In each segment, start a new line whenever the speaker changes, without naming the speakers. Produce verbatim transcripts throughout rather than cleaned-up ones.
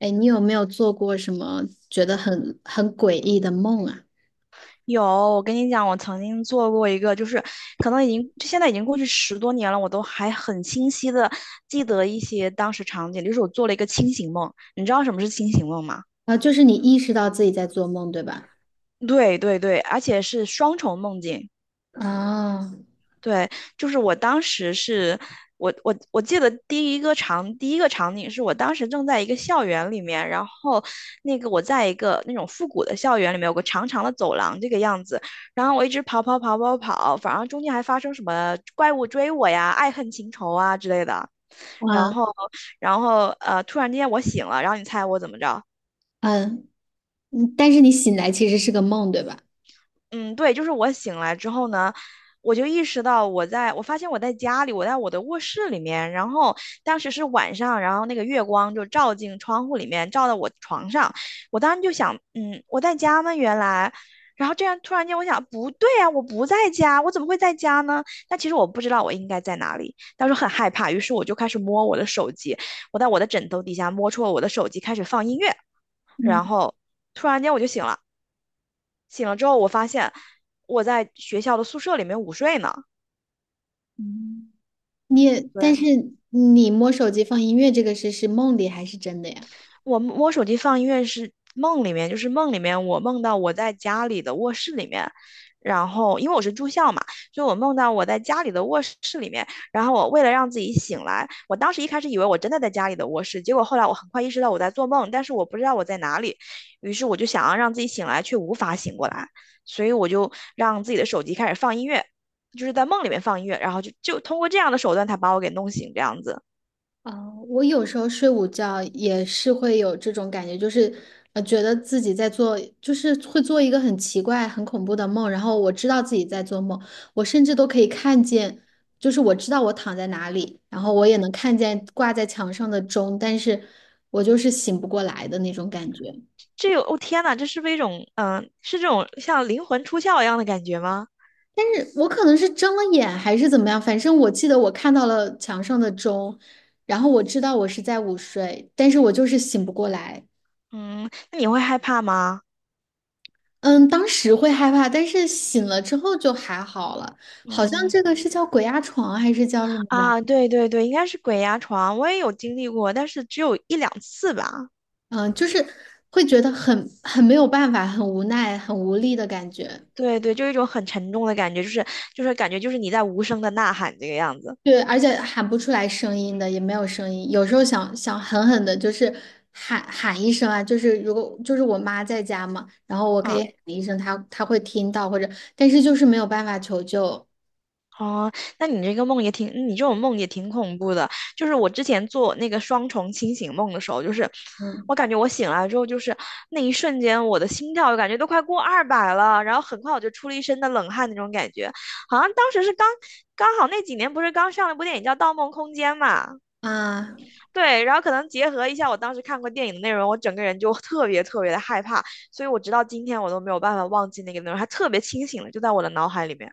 哎，你有没有做过什么觉得很很诡异的梦啊？
有，我跟你讲，我曾经做过一个，就是可能已经就现在已经过去十多年了，我都还很清晰的记得一些当时场景，就是我做了一个清醒梦。你知道什么是清醒梦吗？
啊，就是你意识到自己在做梦，对吧？
对对对，而且是双重梦境。
啊，
对，就是我当时是我我我记得第一个场第一个场景是我当时正在一个校园里面，然后那个我在一个那种复古的校园里面有个长长的走廊这个样子，然后我一直跑跑跑跑跑，反正中间还发生什么怪物追我呀、爱恨情仇啊之类的，然
啊
后然后呃突然之间我醒了，然后你猜我怎么着？
嗯，嗯但是你醒来其实是个梦，对吧？
嗯，对，就是我醒来之后呢，我就意识到我在，我发现我在家里，我在我的卧室里面，然后当时是晚上，然后那个月光就照进窗户里面，照到我床上，我当时就想，嗯，我在家吗？原来，然后这样突然间我想，不对啊，我不在家，我怎么会在家呢？但其实我不知道我应该在哪里，当时很害怕，于是我就开始摸我的手机，我在我的枕头底下摸出了我的手机，开始放音乐，
嗯
然后突然间我就醒了。醒了之后，我发现我在学校的宿舍里面午睡呢。
嗯，你也
对，
但是你摸手机放音乐这个事是梦里还是真的呀？
我我手机放音乐是梦里面，就是梦里面我梦到我在家里的卧室里面，然后因为我是住校嘛，所以我梦到我在家里的卧室里面，然后我为了让自己醒来，我当时一开始以为我真的在家里的卧室，结果后来我很快意识到我在做梦，但是我不知道我在哪里，于是我就想要让自己醒来，却无法醒过来，所以我就让自己的手机开始放音乐，就是在梦里面放音乐，然后就就通过这样的手段才把我给弄醒这样子。
啊，我有时候睡午觉也是会有这种感觉，就是呃，觉得自己在做，就是会做一个很奇怪、很恐怖的梦，然后我知道自己在做梦，我甚至都可以看见，就是我知道我躺在哪里，然后我也能看见挂在墙上的钟，但是我就是醒不过来的那种感觉。
这有，哦天呐，这是不是一种，嗯、是这种像灵魂出窍一样的感觉吗？
但是我可能是睁了眼还是怎么样，反正我记得我看到了墙上的钟，然后我知道我是在午睡，但是我就是醒不过来。
嗯，那你会害怕吗？
嗯，当时会害怕，但是醒了之后就还好了。好像
嗯，
这个是叫鬼压床还是叫什么吧？
啊，对对对，应该是鬼压床，我也有经历过，但是只有一两次吧。
嗯，就是会觉得很很没有办法，很无奈，很无力的感觉。
对对，就一种很沉重的感觉，就是就是感觉就是你在无声的呐喊这个样子。
对，而且喊不出来声音的，也没有声音。有时候想想狠狠的，就是喊喊一声啊，就是如果就是我妈在家嘛，然后我可以
嗯，
喊一声，她她会听到，或者但是就是没有办法求救。
哦，那你这个梦也挺，你这种梦也挺恐怖的。就是我之前做那个双重清醒梦的时候，就是
嗯，
我感觉我醒来之后，就是那一瞬间，我的心跳感觉都快过二百了，然后很快我就出了一身的冷汗那种感觉，好像当时是刚刚好那几年不是刚上了一部电影叫《盗梦空间》嘛，
啊，
对，然后可能结合一下我当时看过电影的内容，我整个人就特别特别的害怕，所以我直到今天我都没有办法忘记那个内容，还特别清醒了，就在我的脑海里面，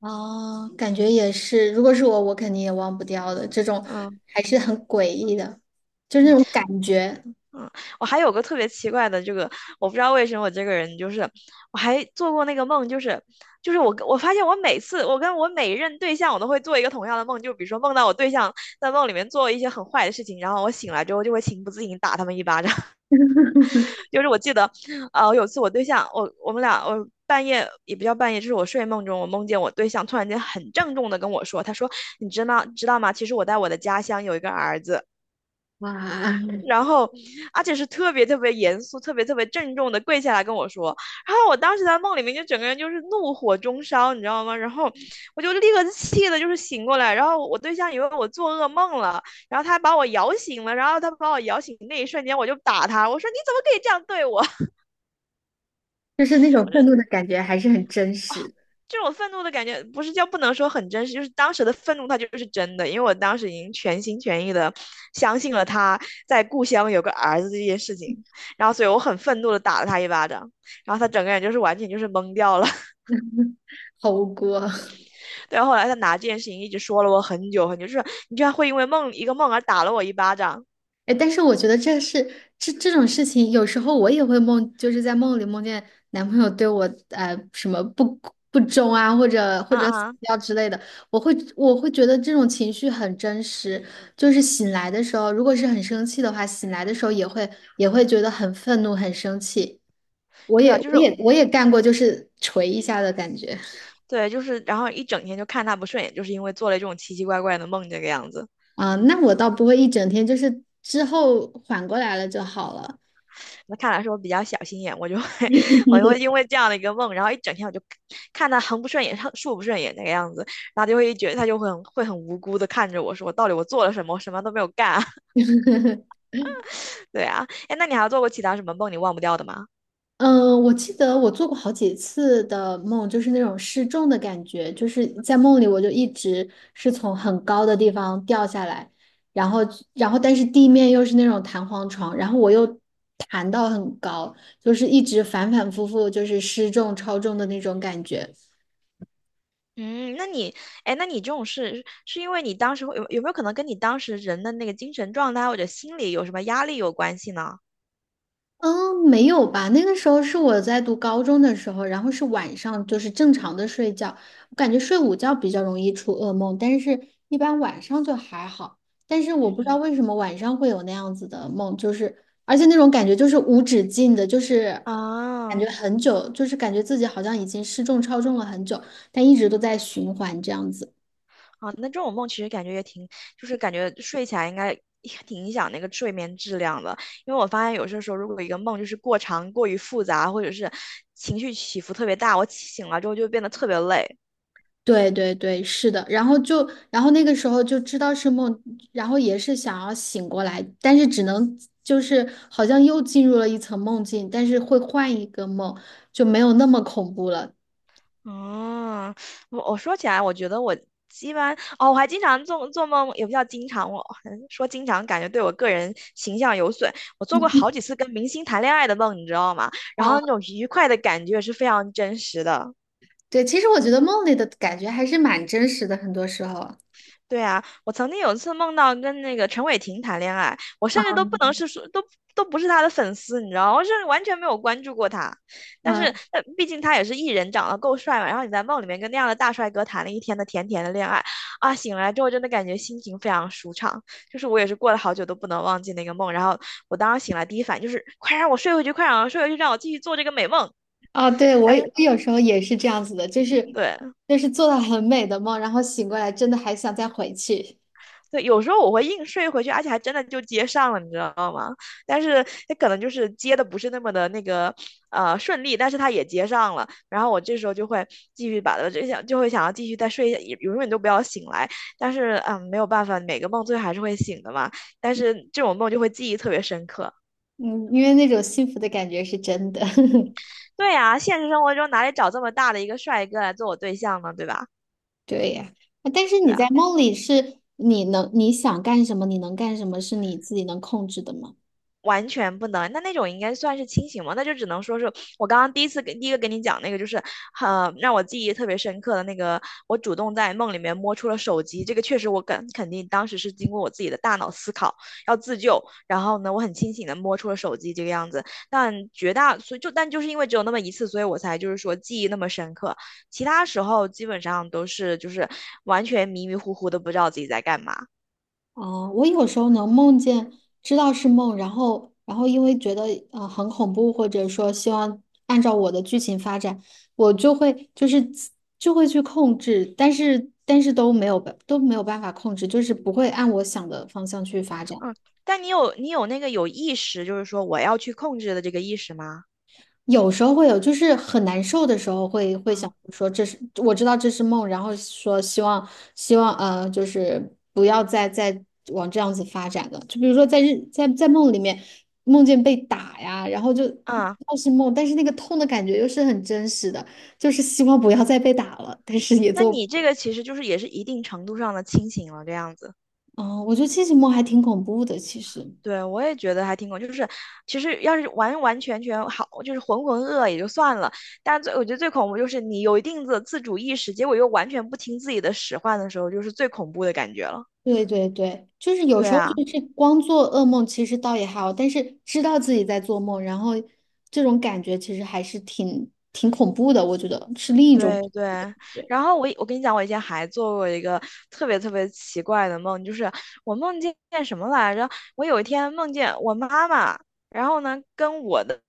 哦，感觉也是，如果是我，我肯定也忘不掉的。这种
嗯。
还是很诡异的，就是那种感觉。
嗯，我还有个特别奇怪的这个，我不知道为什么我这个人就是，我还做过那个梦，就是就是我跟我发现我每次我跟我每一任对象，我都会做一个同样的梦，就比如说梦到我对象在梦里面做一些很坏的事情，然后我醒来之后就会情不自禁打他们一巴掌。就是我记得，呃，有次我对象，我我们俩我。半夜也不叫半夜，就是我睡梦中，我梦见我对象突然间很郑重的跟我说，他说："你知道知道吗？其实我在我的家乡有一个儿子。"
哇，
然后，而且是特别特别严肃、特别特别郑重的跪下来跟我说。然后我当时在梦里面就整个人就是怒火中烧，你知道吗？然后我就立刻气的就是醒过来。然后我对象以为我做噩梦了，然后他把我摇醒了。然后他把我摇醒那一瞬间，我就打他，我说你怎么可以这样对我？
就是那 种
我说
愤怒的感觉，还是很真
啊，
实。
这种愤怒的感觉不是叫不能说很真实，就是当时的愤怒它就是真的，因为我当时已经全心全意的相信了他在故乡有个儿子这件事情，然后所以我很愤怒的打了他一巴掌，然后他整个人就是完全就是懵掉了。
好无辜啊。
对，后来他拿这件事情一直说了我很久很久，就是你居然会因为梦一个梦而打了我一巴掌。
哎，但是我觉得这是这这种事情，有时候我也会梦，就是在梦里梦见男朋友对我呃什么不不忠啊，或者或
啊
者死
啊，
掉之类的，我会我会觉得这种情绪很真实。就是醒来的时候，如果是很生气的话，醒来的时候也会也会觉得很愤怒、很生气。我
对
也
啊，就是
我也我也干过，就是捶一下的感觉。
对，就是，然后一整天就看他不顺眼，就是因为做了这种奇奇怪怪的梦这个样子。
啊，那我倒不会一整天，就是之后缓过来了就好了。
那看来是我比较小心眼，我就会 我就 会因为这样的一个梦，然后一整天我就看他横不顺眼，竖不顺眼那个样子，然后就会觉得他就会很会很无辜的看着我说，到底我做了什么？我什么都没有干啊。对啊，哎，那你还做过其他什么梦你忘不掉的吗？
嗯，我记得我做过好几次的梦，就是那种失重的感觉，就是在梦里我就一直是从很高的地方掉下来，然后然后但是地面又是那种弹簧床，然后我又弹到很高，就是一直反反复复就是失重超重的那种感觉。
嗯，那你，哎，那你这种事是因为你当时会有有没有可能跟你当时人的那个精神状态或者心理有什么压力有关系呢？
嗯，没有吧？那个时候是我在读高中的时候，然后是晚上，就是正常的睡觉。我感觉睡午觉比较容易出噩梦，但是一般晚上就还好。但是我不知道
嗯
为什么晚上会有那样子的梦，就是而且那种感觉就是无止境的，就是感觉
啊。
很久，就是感觉自己好像已经失重超重了很久，但一直都在循环这样子。
啊，那这种梦其实感觉也挺，就是感觉睡起来应该也挺影响那个睡眠质量的。因为我发现有些时候，如果一个梦就是过长、过于复杂，或者是情绪起伏特别大，我起醒了之后就变得特别累。
对对对，是的，然后就，然后那个时候就知道是梦，然后也是想要醒过来，但是只能就是好像又进入了一层梦境，但是会换一个梦，就没有那么恐怖了。
嗯，我我说起来，我觉得我一般哦，我还经常做做梦，也不叫经常，我嗯说经常感觉对我个人形象有损。我做过
嗯，
好几次跟明星谈恋爱的梦，你知道吗？然
啊，
后那种愉快的感觉是非常真实的。
对，其实我觉得梦里的感觉还是蛮真实的，很多时候。
对啊，我曾经有一次梦到跟那个陈伟霆谈恋爱，我甚至
啊
都不能是说，都都不是他的粉丝，你知道吗，我甚至完全没有关注过他。但是，
啊
呃毕竟他也是艺人，长得够帅嘛。然后你在梦里面跟那样的大帅哥谈了一天的甜甜的恋爱，啊，醒来之后真的感觉心情非常舒畅。就是我也是过了好久都不能忘记那个梦。然后我当时醒来第一反应就是，快让我睡回去，快让我睡回去，让我继续做这个美梦。
啊！对，我
但
也
是，
我有时候也是这样子的，就是
对。
就是做到很美的梦，然后醒过来真的还想再回去。
对，有时候我会硬睡回去，而且还真的就接上了，你知道吗？但是他可能就是接的不是那么的那个呃顺利，但是他也接上了。然后我这时候就会继续把它就想就会想要继续再睡一下，也永远都不要醒来。但是嗯，没有办法，每个梦最后还是会醒的嘛。但是这种梦就会记忆特别深刻。
嗯，因为那种幸福的感觉是真的。
对呀，现实生活中哪里找这么大的一个帅哥来做我对象呢？对吧？
对呀，啊但是你
对。
在梦里是你能你想干什么，你能干什么是你自己能控制的吗？
完全不能，那那种应该算是清醒吗？那就只能说是我刚刚第一次给第一个跟你讲那个，就是呃让我记忆特别深刻的那个，我主动在梦里面摸出了手机，这个确实我肯肯定当时是经过我自己的大脑思考要自救，然后呢我很清醒的摸出了手机这个样子，但绝大所以就但就是因为只有那么一次，所以我才就是说记忆那么深刻，其他时候基本上都是就是完全迷迷糊糊的不知道自己在干嘛。
哦，我有时候能梦见知道是梦，然后然后因为觉得呃很恐怖，或者说希望按照我的剧情发展，我就会就是自就会去控制，但是但是都没有办都没有办法控制，就是不会按我想的方向去发展。
嗯，但你有你有那个有意识，就是说我要去控制的这个意识吗？
有时候会有，就是很难受的时候会会想
嗯，
说这是我知道这是梦，然后说希望希望呃就是不要再再往这样子发展了。就比如说在日在在梦里面梦见被打呀，然后就
嗯，
倒是梦，但是那个痛的感觉又是很真实的，就是希望不要再被打了，但是也
那
做
你
不
这个其实就是也是一定程度上的清醒了，这样子。
嗯，我觉得清醒梦还挺恐怖的，其实。
对，我也觉得还挺恐，就是其实要是完完全全好，就是浑浑噩噩也就算了，但最我觉得最恐怖就是你有一定的自主意识，结果又完全不听自己的使唤的时候，就是最恐怖的感觉了。
对对对，就是有
对
时候
啊。
就是光做噩梦，其实倒也还好，但是知道自己在做梦，然后这种感觉其实还是挺挺恐怖的，我觉得是另一种
对
恐
对，
怖的感觉。
然后我我跟你讲，我以前还做过一个特别特别奇怪的梦，就是我梦见什么来着？我有一天梦见我妈妈，然后呢跟我的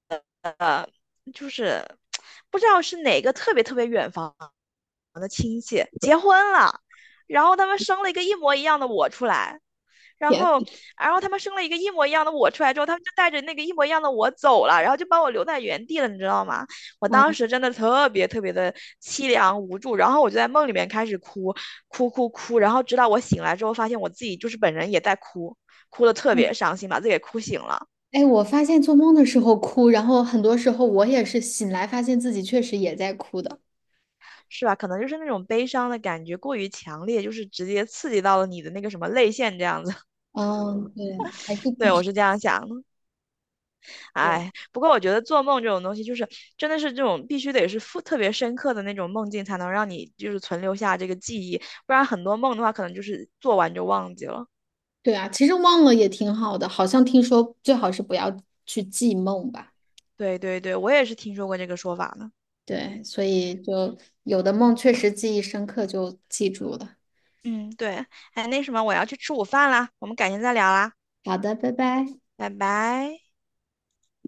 呃就是不知道是哪个特别特别远房的亲戚结婚了，然后他们生了一个一模一样的我出来。然
天
后，然后，他们生了一个一模一样的我出来之后，他们就带着那个一模一样的我走了，然后就把我留在原地了，你知道吗？我
啊，
当时真的特别特别的凄凉无助，然后我就在梦里面开始哭，哭哭哭，然后直到我醒来之后，发现我自己就是本人也在哭，哭的特
嗯
别伤心，把自己给哭醒了，
哎，我发现做梦的时候哭，然后很多时候我也是醒来发现自己确实也在哭的。
是吧？可能就是那种悲伤的感觉过于强烈，就是直接刺激到了你的那个什么泪腺这样子。
嗯，对，还是挺
对，我是这样想的。哎，
对
不过我觉得做梦这种东西，就是真的是这种必须得是复特别深刻的那种梦境，才能让你就是存留下这个记忆，不然很多梦的话，可能就是做完就忘记了。
对啊，其实忘了也挺好的，好像听说最好是不要去记梦吧。
对对对，我也是听说过这个说法呢。
对，所以就有的梦确实记忆深刻，就记住了。
嗯，对，哎，那什么，我要去吃午饭啦，我们改天再聊啦，
好的，拜拜。
拜拜。